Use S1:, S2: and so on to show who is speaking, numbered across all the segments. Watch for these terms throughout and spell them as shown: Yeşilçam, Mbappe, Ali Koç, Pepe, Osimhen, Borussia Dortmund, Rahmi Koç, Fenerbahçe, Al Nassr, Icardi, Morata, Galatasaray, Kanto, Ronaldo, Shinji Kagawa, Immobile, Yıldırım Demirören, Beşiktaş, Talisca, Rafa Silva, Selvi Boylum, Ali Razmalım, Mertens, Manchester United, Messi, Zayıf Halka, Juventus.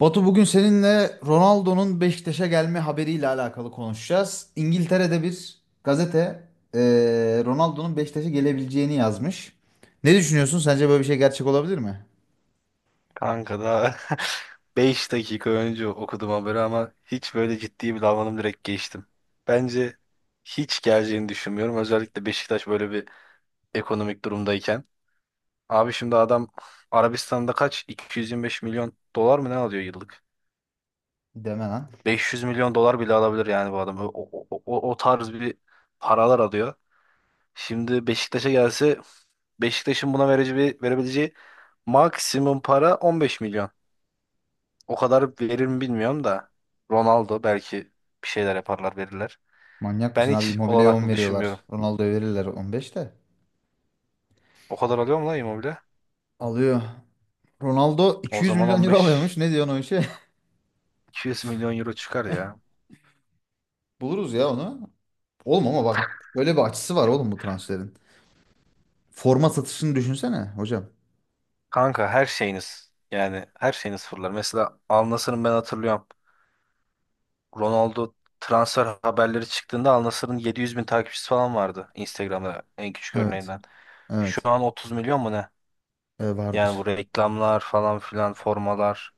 S1: Batu bugün seninle Ronaldo'nun Beşiktaş'a gelme haberiyle alakalı konuşacağız. İngiltere'de bir gazete Ronaldo'nun Beşiktaş'a gelebileceğini yazmış. Ne düşünüyorsun? Sence böyle bir şey gerçek olabilir mi?
S2: Kanka daha 5 dakika önce okudum haberi ama hiç böyle ciddi bir davranım, direkt geçtim. Bence hiç geleceğini düşünmüyorum. Özellikle Beşiktaş böyle bir ekonomik durumdayken. Abi şimdi adam Arabistan'da kaç? 225 milyon dolar mı ne alıyor yıllık?
S1: Deme lan.
S2: 500 milyon dolar bile alabilir yani bu adam. O tarz bir paralar alıyor. Şimdi Beşiktaş'a gelse Beşiktaş'ın buna vereceği, verebileceği maksimum para 15 milyon. O kadar verir mi bilmiyorum da. Ronaldo belki bir şeyler yaparlar, verirler.
S1: Manyak
S2: Ben
S1: mısın abi?
S2: hiç
S1: Immobile'ye 10
S2: olanaklı düşünmüyorum.
S1: veriyorlar. Ronaldo'ya verirler 15 de.
S2: O kadar alıyor mu lan Immobile?
S1: Alıyor. Ronaldo
S2: O zaman
S1: 200 milyon euro alıyormuş. Ne diyorsun o işe?
S2: 15-200 milyon euro çıkar ya.
S1: Buluruz ya onu. Oğlum ama bak, böyle bir açısı var oğlum bu transferin. Forma satışını düşünsene hocam.
S2: Kanka her şeyiniz, yani her şeyiniz fırlar. Mesela Al Nassr'ın ben hatırlıyorum. Ronaldo transfer haberleri çıktığında Al Nassr'ın 700 bin takipçisi falan vardı Instagram'da, en küçük
S1: Evet.
S2: örneğinden. Şu
S1: Evet.
S2: an 30 milyon mu ne?
S1: E,
S2: Yani
S1: vardır.
S2: bu reklamlar falan filan, formalar,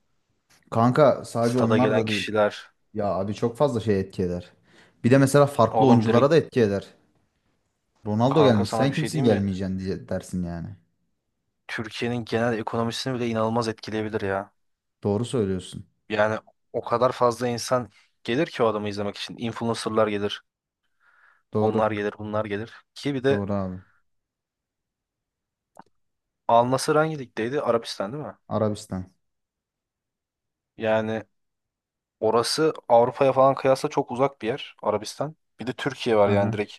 S1: Kanka sadece
S2: stada
S1: onlar
S2: gelen
S1: da değil.
S2: kişiler.
S1: Ya abi çok fazla şey etki eder. Bir de mesela farklı
S2: Oğlum direkt,
S1: oyunculara da etki eder. Ronaldo
S2: kanka
S1: gelmiş,
S2: sana
S1: sen
S2: bir şey
S1: kimsin
S2: diyeyim mi?
S1: gelmeyeceksin diye dersin yani.
S2: Türkiye'nin genel ekonomisini bile inanılmaz etkileyebilir ya.
S1: Doğru söylüyorsun.
S2: Yani o kadar fazla insan gelir ki o adamı izlemek için. Influencerlar gelir, onlar
S1: Doğru.
S2: gelir, bunlar gelir. Ki bir de
S1: Doğru abi.
S2: Al Nassr hangi ligdeydi? Arabistan değil mi?
S1: Arabistan.
S2: Yani orası Avrupa'ya falan kıyasla çok uzak bir yer, Arabistan. Bir de Türkiye var,
S1: Hı
S2: yani
S1: hı.
S2: direkt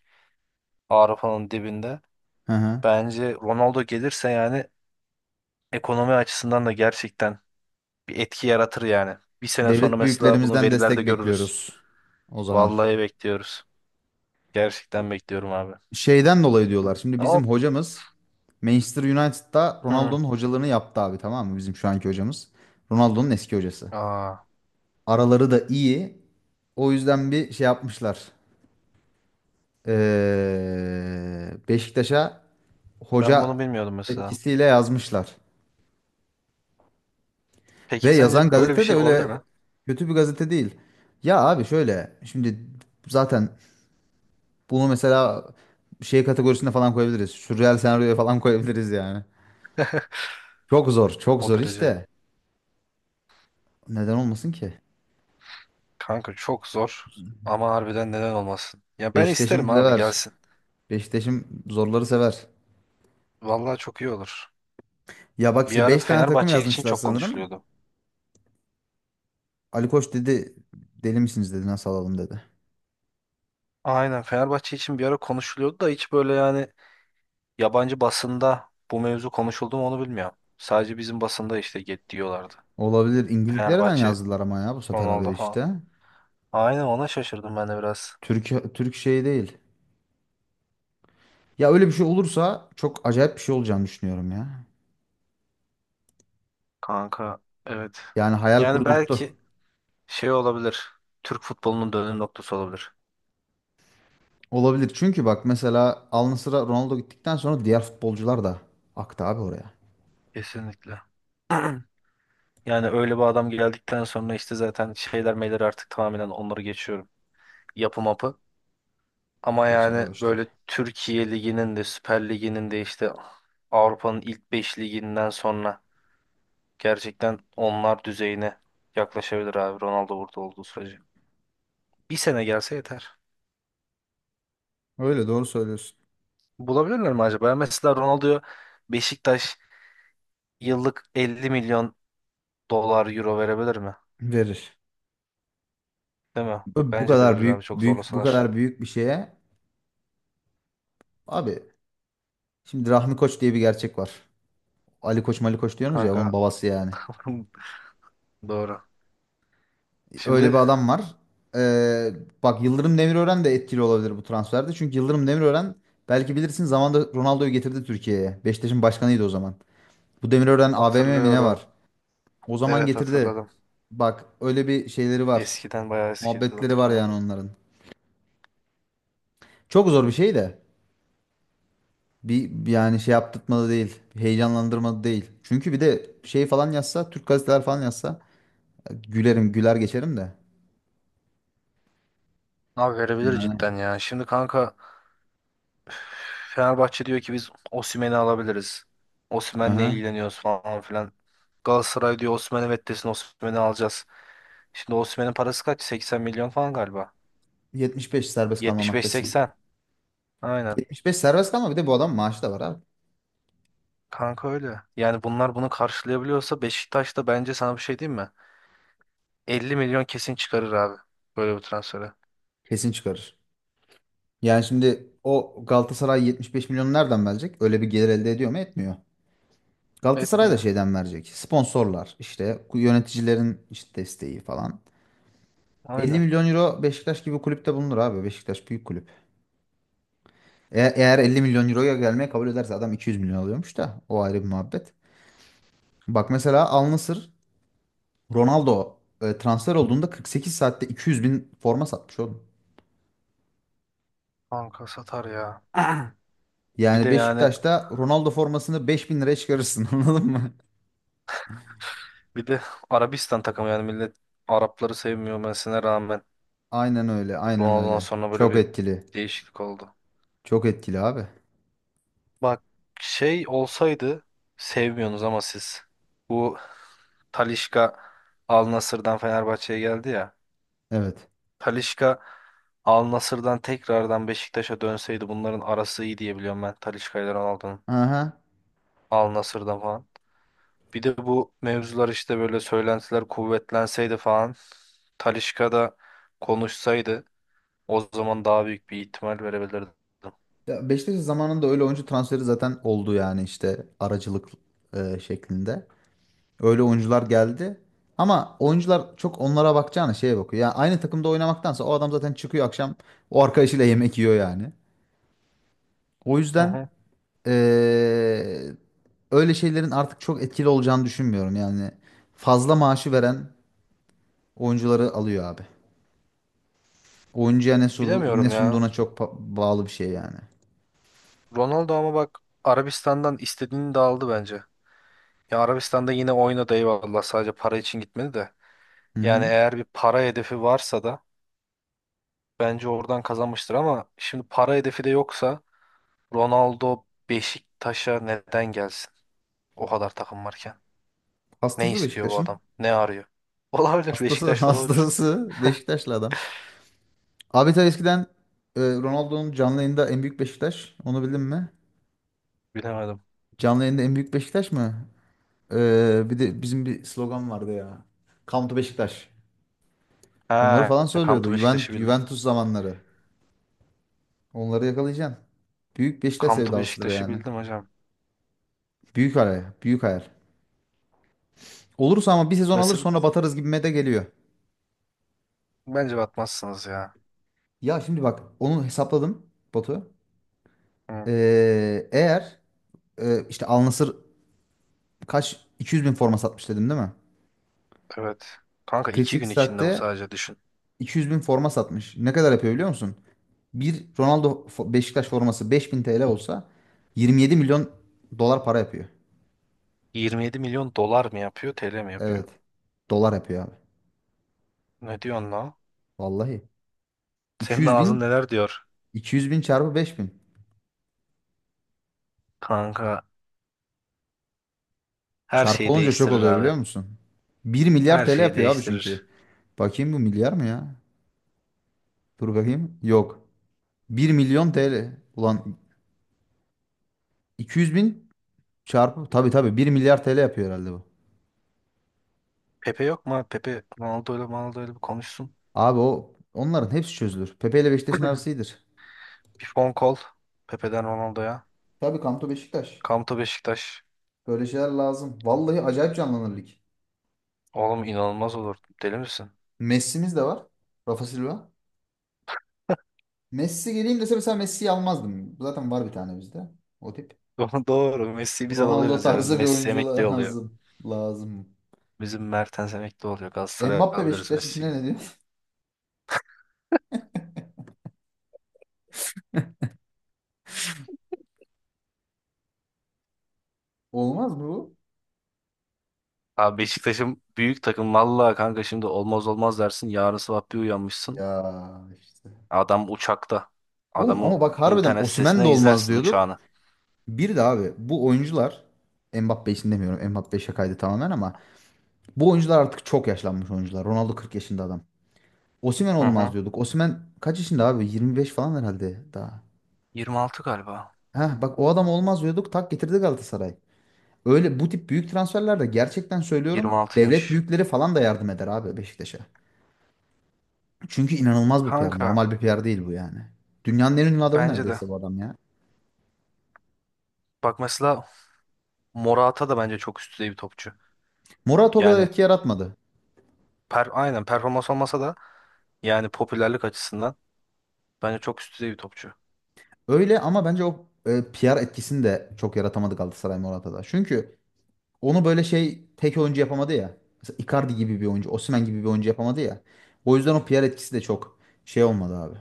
S2: Avrupa'nın dibinde.
S1: Hı hı.
S2: Bence Ronaldo gelirse yani ekonomi açısından da gerçekten bir etki yaratır yani. Bir sene sonra
S1: Devlet
S2: mesela bunu
S1: büyüklerimizden
S2: verilerde
S1: destek
S2: görürüz.
S1: bekliyoruz. O zaman.
S2: Vallahi bekliyoruz. Gerçekten bekliyorum abi.
S1: Şeyden dolayı diyorlar. Şimdi bizim
S2: Ama
S1: hocamız Manchester United'da
S2: hı.
S1: Ronaldo'nun hocalığını yaptı abi, tamam mı? Bizim şu anki hocamız. Ronaldo'nun eski hocası.
S2: Aa,
S1: Araları da iyi. O yüzden bir şey yapmışlar. Beşiktaş'a
S2: ben bunu
S1: hoca
S2: bilmiyordum mesela.
S1: etkisiyle yazmışlar. Ve
S2: Peki
S1: yazan
S2: sence böyle bir
S1: gazete de
S2: şey olabilir
S1: öyle
S2: mi?
S1: kötü bir gazete değil. Ya abi şöyle şimdi, zaten bunu mesela şey kategorisine falan koyabiliriz. Sürreal senaryoya falan koyabiliriz yani. Çok zor, çok
S2: O
S1: zor
S2: derece.
S1: işte. Neden olmasın ki?
S2: Kanka çok zor. Ama harbiden neden olmasın? Ya ben
S1: Beşiktaş'ım
S2: isterim abi,
S1: sever.
S2: gelsin.
S1: Beşiktaş'ım zorları sever.
S2: Vallahi çok iyi olur.
S1: Ya bak
S2: Bir
S1: işte
S2: ara
S1: 5 tane takım
S2: Fenerbahçe için
S1: yazmışlar
S2: çok
S1: sanırım.
S2: konuşuluyordu.
S1: Ali Koç dedi, deli misiniz dedi, nasıl alalım dedi.
S2: Aynen Fenerbahçe için bir ara konuşuluyordu da hiç böyle yani yabancı basında bu mevzu konuşuldu mu onu bilmiyorum. Sadece bizim basında işte get diyorlardı.
S1: Olabilir. İngiltere'den
S2: Fenerbahçe,
S1: yazdılar ama ya bu sefer haberi
S2: Ronaldo falan.
S1: işte.
S2: Aynen, ona şaşırdım ben de biraz.
S1: Türk şey değil. Ya öyle bir şey olursa çok acayip bir şey olacağını düşünüyorum ya.
S2: Kanka evet.
S1: Yani hayal
S2: Yani
S1: kurdurttu.
S2: belki şey olabilir. Türk futbolunun dönüm noktası olabilir.
S1: Olabilir. Çünkü bak mesela Al Nassr'a Ronaldo gittikten sonra diğer futbolcular da aktı abi oraya.
S2: Kesinlikle. Yani öyle bir adam geldikten sonra işte zaten şeyler meyler artık tamamen onları geçiyorum. Yapı mapı. Ama
S1: Geçer abi
S2: yani
S1: o işleri.
S2: böyle Türkiye Ligi'nin de, Süper Ligi'nin de işte Avrupa'nın ilk 5 liginden sonra gerçekten onlar düzeyine yaklaşabilir abi, Ronaldo burada olduğu sürece. Bir sene gelse yeter.
S1: Öyle, doğru söylüyorsun.
S2: Bulabilirler mi acaba? Mesela Ronaldo'yu Beşiktaş yıllık 50 milyon dolar, euro verebilir mi?
S1: Verir.
S2: Değil mi?
S1: Bu
S2: Bence de
S1: kadar
S2: verir abi, çok zorlasalar.
S1: büyük bir şeye. Abi şimdi Rahmi Koç diye bir gerçek var. Ali Koç, Mali Koç diyorsunuz ya, onun
S2: Kanka
S1: babası yani.
S2: doğru.
S1: Öyle bir
S2: Şimdi
S1: adam var. Ee, bak, Yıldırım Demirören de etkili olabilir bu transferde. Çünkü Yıldırım Demirören, belki bilirsin, zamanında Ronaldo'yu getirdi Türkiye'ye. Beşiktaş'ın başkanıydı o zaman. Bu Demirören AVM mi ne
S2: hatırlıyorum.
S1: var? O zaman
S2: Evet,
S1: getirdi.
S2: hatırladım.
S1: Bak, öyle bir şeyleri var.
S2: Eskiden, bayağı eskiydi,
S1: Muhabbetleri var
S2: hatırlıyorum.
S1: yani onların. Çok zor bir şey de. Bir yani şey yaptırtmadı değil. Heyecanlandırmadı değil. Çünkü bir de şey falan yazsa, Türk gazeteler falan yazsa gülerim, güler geçerim de.
S2: Abi verebilir
S1: Yani.
S2: cidden ya. Şimdi kanka Fenerbahçe diyor ki biz Osimhen'i alabiliriz. Osimhen'le
S1: Aha.
S2: ilgileniyoruz falan filan. Galatasaray diyor Osimhen evet desin, Osimhen'i alacağız. Şimdi Osimhen'in parası kaç? 80 milyon falan galiba.
S1: 75 serbest kalma maddesi.
S2: 75-80. Aynen.
S1: 75 serbest kalma, bir de bu adam maaşı da var abi.
S2: Kanka öyle. Yani bunlar bunu karşılayabiliyorsa Beşiktaş da, bence sana bir şey diyeyim mi, 50 milyon kesin çıkarır abi. Böyle bir transfere.
S1: Kesin çıkarır. Yani şimdi o Galatasaray 75 milyon nereden verecek? Öyle bir gelir elde ediyor mu? Etmiyor. Galatasaray da
S2: Etmiyor.
S1: şeyden verecek. Sponsorlar işte, yöneticilerin işte desteği falan. 50
S2: Aynen.
S1: milyon euro Beşiktaş gibi kulüpte bulunur abi. Beşiktaş büyük kulüp. Eğer 50 milyon euroya gelmeye kabul ederse adam, 200 milyon alıyormuş da o ayrı bir muhabbet. Bak mesela Al Nassr Ronaldo transfer olduğunda 48 saatte 200 bin forma satmış oğlum.
S2: Kanka satar ya. Bir de
S1: Yani
S2: yani
S1: Beşiktaş'ta Ronaldo formasını 5000 liraya çıkarırsın anladın mı?
S2: bir de Arabistan takımı, yani millet Arapları sevmiyor mesela, rağmen
S1: Aynen öyle, aynen
S2: Ronaldo'dan
S1: öyle.
S2: sonra böyle
S1: Çok
S2: bir
S1: etkili.
S2: değişiklik oldu.
S1: Çok etkili abi.
S2: Bak şey olsaydı, sevmiyorsunuz ama siz bu Talisca Al Nassr'dan Fenerbahçe'ye geldi ya.
S1: Evet.
S2: Talisca Al Nassr'dan tekrardan Beşiktaş'a dönseydi, bunların arası iyi diye biliyorum ben Talisca ile Ronaldo'nun
S1: Aha.
S2: Al Nassr'dan falan. Bir de bu mevzular işte böyle söylentiler kuvvetlenseydi falan, Talisca da konuşsaydı o zaman daha büyük bir ihtimal verebilirdim.
S1: Ya Beşiktaş'ın zamanında öyle oyuncu transferi zaten oldu yani, işte aracılık şeklinde. Öyle oyuncular geldi. Ama oyuncular çok onlara bakacağına şeye bakıyor. Yani aynı takımda oynamaktansa o adam zaten çıkıyor akşam, o arkadaşıyla yemek yiyor yani. O
S2: Hı
S1: yüzden
S2: hı.
S1: eee, öyle şeylerin artık çok etkili olacağını düşünmüyorum. Yani fazla maaşı veren oyuncuları alıyor abi. Oyuncuya ne
S2: Bilemiyorum ya.
S1: sunduğuna çok bağlı bir şey yani.
S2: Ronaldo ama bak Arabistan'dan istediğini de aldı bence. Ya Arabistan'da yine oynadı, eyvallah, sadece para için gitmedi de.
S1: Hı
S2: Yani
S1: hı.
S2: eğer bir para hedefi varsa da bence oradan kazanmıştır, ama şimdi para hedefi de yoksa Ronaldo Beşiktaş'a neden gelsin? O kadar takım varken. Ne
S1: Hastası
S2: istiyor bu
S1: Beşiktaş'ın.
S2: adam? Ne arıyor? Olabilir.
S1: Hastası
S2: Beşiktaş'ta olabilir.
S1: hastası Beşiktaşlı adam. Abi tabii eskiden Ronaldo'nun canlı yayında en büyük Beşiktaş. Onu bildin mi?
S2: Bilemedim.
S1: Canlı yayında en büyük Beşiktaş mı? Bir de bizim bir slogan vardı ya. Come to Beşiktaş. Onları
S2: Ha,
S1: falan
S2: Come
S1: söylüyordu.
S2: to Beşiktaş'ı
S1: Juventus,
S2: bildim.
S1: Juventus zamanları. Onları yakalayacaksın. Büyük Beşiktaş
S2: Come to
S1: sevdalısıdır
S2: Beşiktaş'ı
S1: yani.
S2: bildim hocam.
S1: Büyük araya. Büyük hayal. Olursa ama bir sezon alır,
S2: Mesela
S1: sonra batarız gibime de geliyor.
S2: bence batmazsınız ya.
S1: Ya şimdi bak, onu hesapladım Batu.
S2: Hı,
S1: Eğer işte Al Nassr kaç, 200 bin forma satmış dedim değil mi?
S2: evet. Kanka iki
S1: 48
S2: gün içinde bu,
S1: saatte
S2: sadece düşün.
S1: 200 bin forma satmış. Ne kadar yapıyor biliyor musun? Bir Ronaldo Beşiktaş forması 5000 TL olsa 27 milyon dolar para yapıyor.
S2: 27 milyon dolar mı yapıyor, TL mi yapıyor?
S1: Evet. Dolar yapıyor abi.
S2: Ne diyorsun lan?
S1: Vallahi.
S2: Senin
S1: 200
S2: ağzın
S1: bin
S2: neler diyor?
S1: 200 bin çarpı 5000.
S2: Kanka her
S1: Çarpı
S2: şeyi
S1: olunca çok
S2: değiştirir
S1: oluyor
S2: abi.
S1: biliyor musun? Bir milyar
S2: Her
S1: TL
S2: şeyi
S1: yapıyor abi çünkü.
S2: değiştirir.
S1: Bakayım bu milyar mı ya? Dur bakayım. Yok. Bir milyon TL. Ulan, 200 bin çarpı. Tabii tabii bir milyar TL yapıyor herhalde bu.
S2: Pepe yok mu abi? Pepe Ronaldo ile bir konuşsun.
S1: Abi o onların hepsi çözülür. Pepe ile Beşiktaş'ın arası iyidir.
S2: Bir phone call, Pepe'den Ronaldo'ya.
S1: Tabii Kanto Beşiktaş.
S2: Kamto Beşiktaş.
S1: Böyle şeyler lazım. Vallahi acayip canlanır lig.
S2: Oğlum inanılmaz olur. Deli misin?
S1: Messi'miz de var. Rafa Silva. Messi geleyim dese mesela, Messi'yi almazdım. Zaten var bir tane bizde. O tip.
S2: Doğru. Messi'yi biz
S1: Ronaldo
S2: alabiliriz ya. Bizim
S1: tarzı bir
S2: Messi
S1: oyuncu
S2: emekli oluyor.
S1: lazım. Lazım.
S2: Bizim Mertens emekli oluyor. Galatasaray'a
S1: Mbappe
S2: alabiliriz
S1: Beşiktaş işine
S2: Messi'yi.
S1: ne diyorsun? Olmaz mı bu?
S2: Abi Beşiktaş'ın büyük takım. Vallahi kanka, şimdi olmaz olmaz dersin, yarın sabah bir uyanmışsın.
S1: Ya işte.
S2: Adam uçakta.
S1: Oğlum
S2: Adamı
S1: ama bak, harbiden
S2: internet
S1: Osimhen de
S2: sitesine
S1: olmaz
S2: izlersin
S1: diyorduk.
S2: uçağını.
S1: Bir de abi bu oyuncular, Mbappe için demiyorum, Mbappe şakaydı tamamen, ama bu oyuncular artık çok yaşlanmış oyuncular. Ronaldo 40 yaşında adam. Osimhen
S2: Hı
S1: olmaz
S2: hı.
S1: diyorduk. Osimhen kaç yaşında abi? 25 falan herhalde daha.
S2: 26 galiba.
S1: Heh, bak, o adam olmaz diyorduk. Tak getirdi Galatasaray. Öyle bu tip büyük transferlerde gerçekten söylüyorum, devlet
S2: 26'ymış.
S1: büyükleri falan da yardım eder abi Beşiktaş'a. Çünkü inanılmaz bir PR.
S2: Kanka
S1: Normal bir PR değil bu yani. Dünyanın en ünlü adamı
S2: bence de.
S1: neredeyse bu adam ya.
S2: Bak, mesela Morata da bence çok üst düzey bir topçu.
S1: Murat o kadar
S2: Yani
S1: etki yaratmadı.
S2: aynen performans olmasa da yani popülerlik açısından bence çok üst düzey bir topçu.
S1: Öyle ama bence o PR etkisini de çok yaratamadı Galatasaray Morata'da. Çünkü onu böyle şey, tek oyuncu yapamadı ya. Mesela Icardi gibi bir oyuncu, Osimhen gibi bir oyuncu yapamadı ya. O yüzden o PR etkisi de çok şey olmadı abi.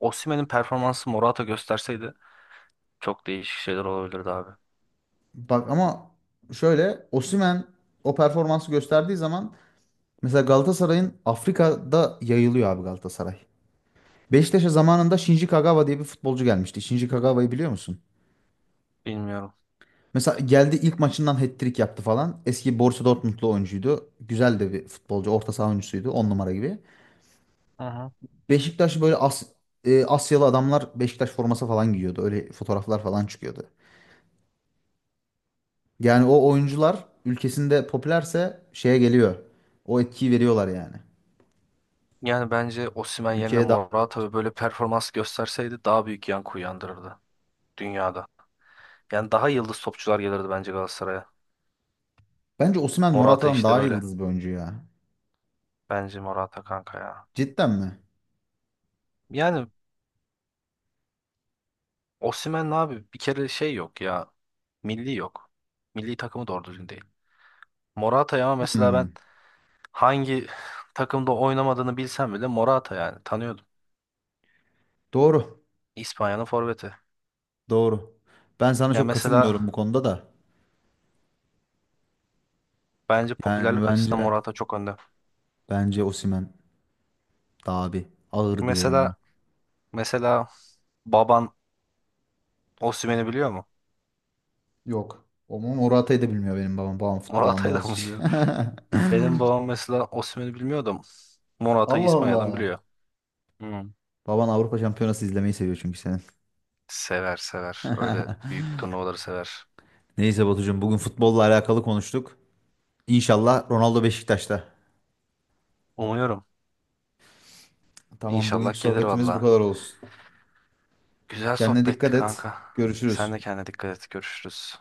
S2: Osimhen'in performansı Morata gösterseydi çok değişik şeyler olabilirdi abi.
S1: Bak ama şöyle, Osimhen o performansı gösterdiği zaman mesela Galatasaray'ın, Afrika'da yayılıyor abi Galatasaray. Beşiktaş'a zamanında Shinji Kagawa diye bir futbolcu gelmişti. Shinji Kagawa'yı biliyor musun?
S2: Bilmiyorum.
S1: Mesela geldi, ilk maçından hat-trick yaptı falan. Eski Borussia Dortmund'lu oyuncuydu. Güzel de bir futbolcu. Orta saha oyuncusuydu. On numara gibi.
S2: Hı hı.
S1: Beşiktaş böyle Asyalı adamlar Beşiktaş forması falan giyiyordu. Öyle fotoğraflar falan çıkıyordu. Yani o oyuncular ülkesinde popülerse şeye geliyor. O etkiyi veriyorlar yani.
S2: Yani bence Osimhen yerine
S1: Ülkeye daha...
S2: Morata ve böyle performans gösterseydi daha büyük yankı uyandırırdı dünyada. Yani daha yıldız topçular gelirdi bence Galatasaray'a.
S1: Bence Osimhen
S2: Morata
S1: Morata'dan
S2: işte
S1: daha
S2: böyle.
S1: yıldız bir oyuncu ya.
S2: Bence Morata kanka ya.
S1: Cidden mi?
S2: Yani Osimhen abi bir kere şey yok ya. Milli yok. Milli takımı doğru düzgün değil. Morata'yı ama mesela ben
S1: Hmm,
S2: hangi takımda oynamadığını bilsem bile Morata yani tanıyordum.
S1: doğru.
S2: İspanya'nın forveti.
S1: Doğru. Ben sana
S2: Ya
S1: çok
S2: mesela
S1: katılmıyorum bu konuda da.
S2: bence
S1: Yani
S2: popülerlik açısından
S1: bence
S2: Morata çok önde.
S1: bence Osimhen daha bir ağır diyorum ben.
S2: Mesela mesela baban Osimhen'i biliyor mu?
S1: Yok. Morata'yı da bilmiyor benim babam. Babam futbol
S2: Morata'yı
S1: anlamaz
S2: da mı
S1: hiç.
S2: biliyor? Benim babam mesela Osimhen'i bilmiyordum. Morata'yı
S1: Allah
S2: İspanya'dan
S1: Allah.
S2: biliyor. Hmm.
S1: Baban Avrupa Şampiyonası izlemeyi seviyor çünkü senin.
S2: Sever sever. Öyle büyük turnuvaları sever.
S1: Neyse Batucuğum, bugün futbolla alakalı konuştuk. İnşallah Ronaldo Beşiktaş'ta.
S2: Umuyorum.
S1: Tamam,
S2: İnşallah
S1: bugünkü
S2: gelir
S1: sohbetimiz bu
S2: valla.
S1: kadar olsun.
S2: Güzel
S1: Kendine
S2: sohbetti
S1: dikkat et.
S2: kanka. Sen
S1: Görüşürüz.
S2: de kendine dikkat et. Görüşürüz.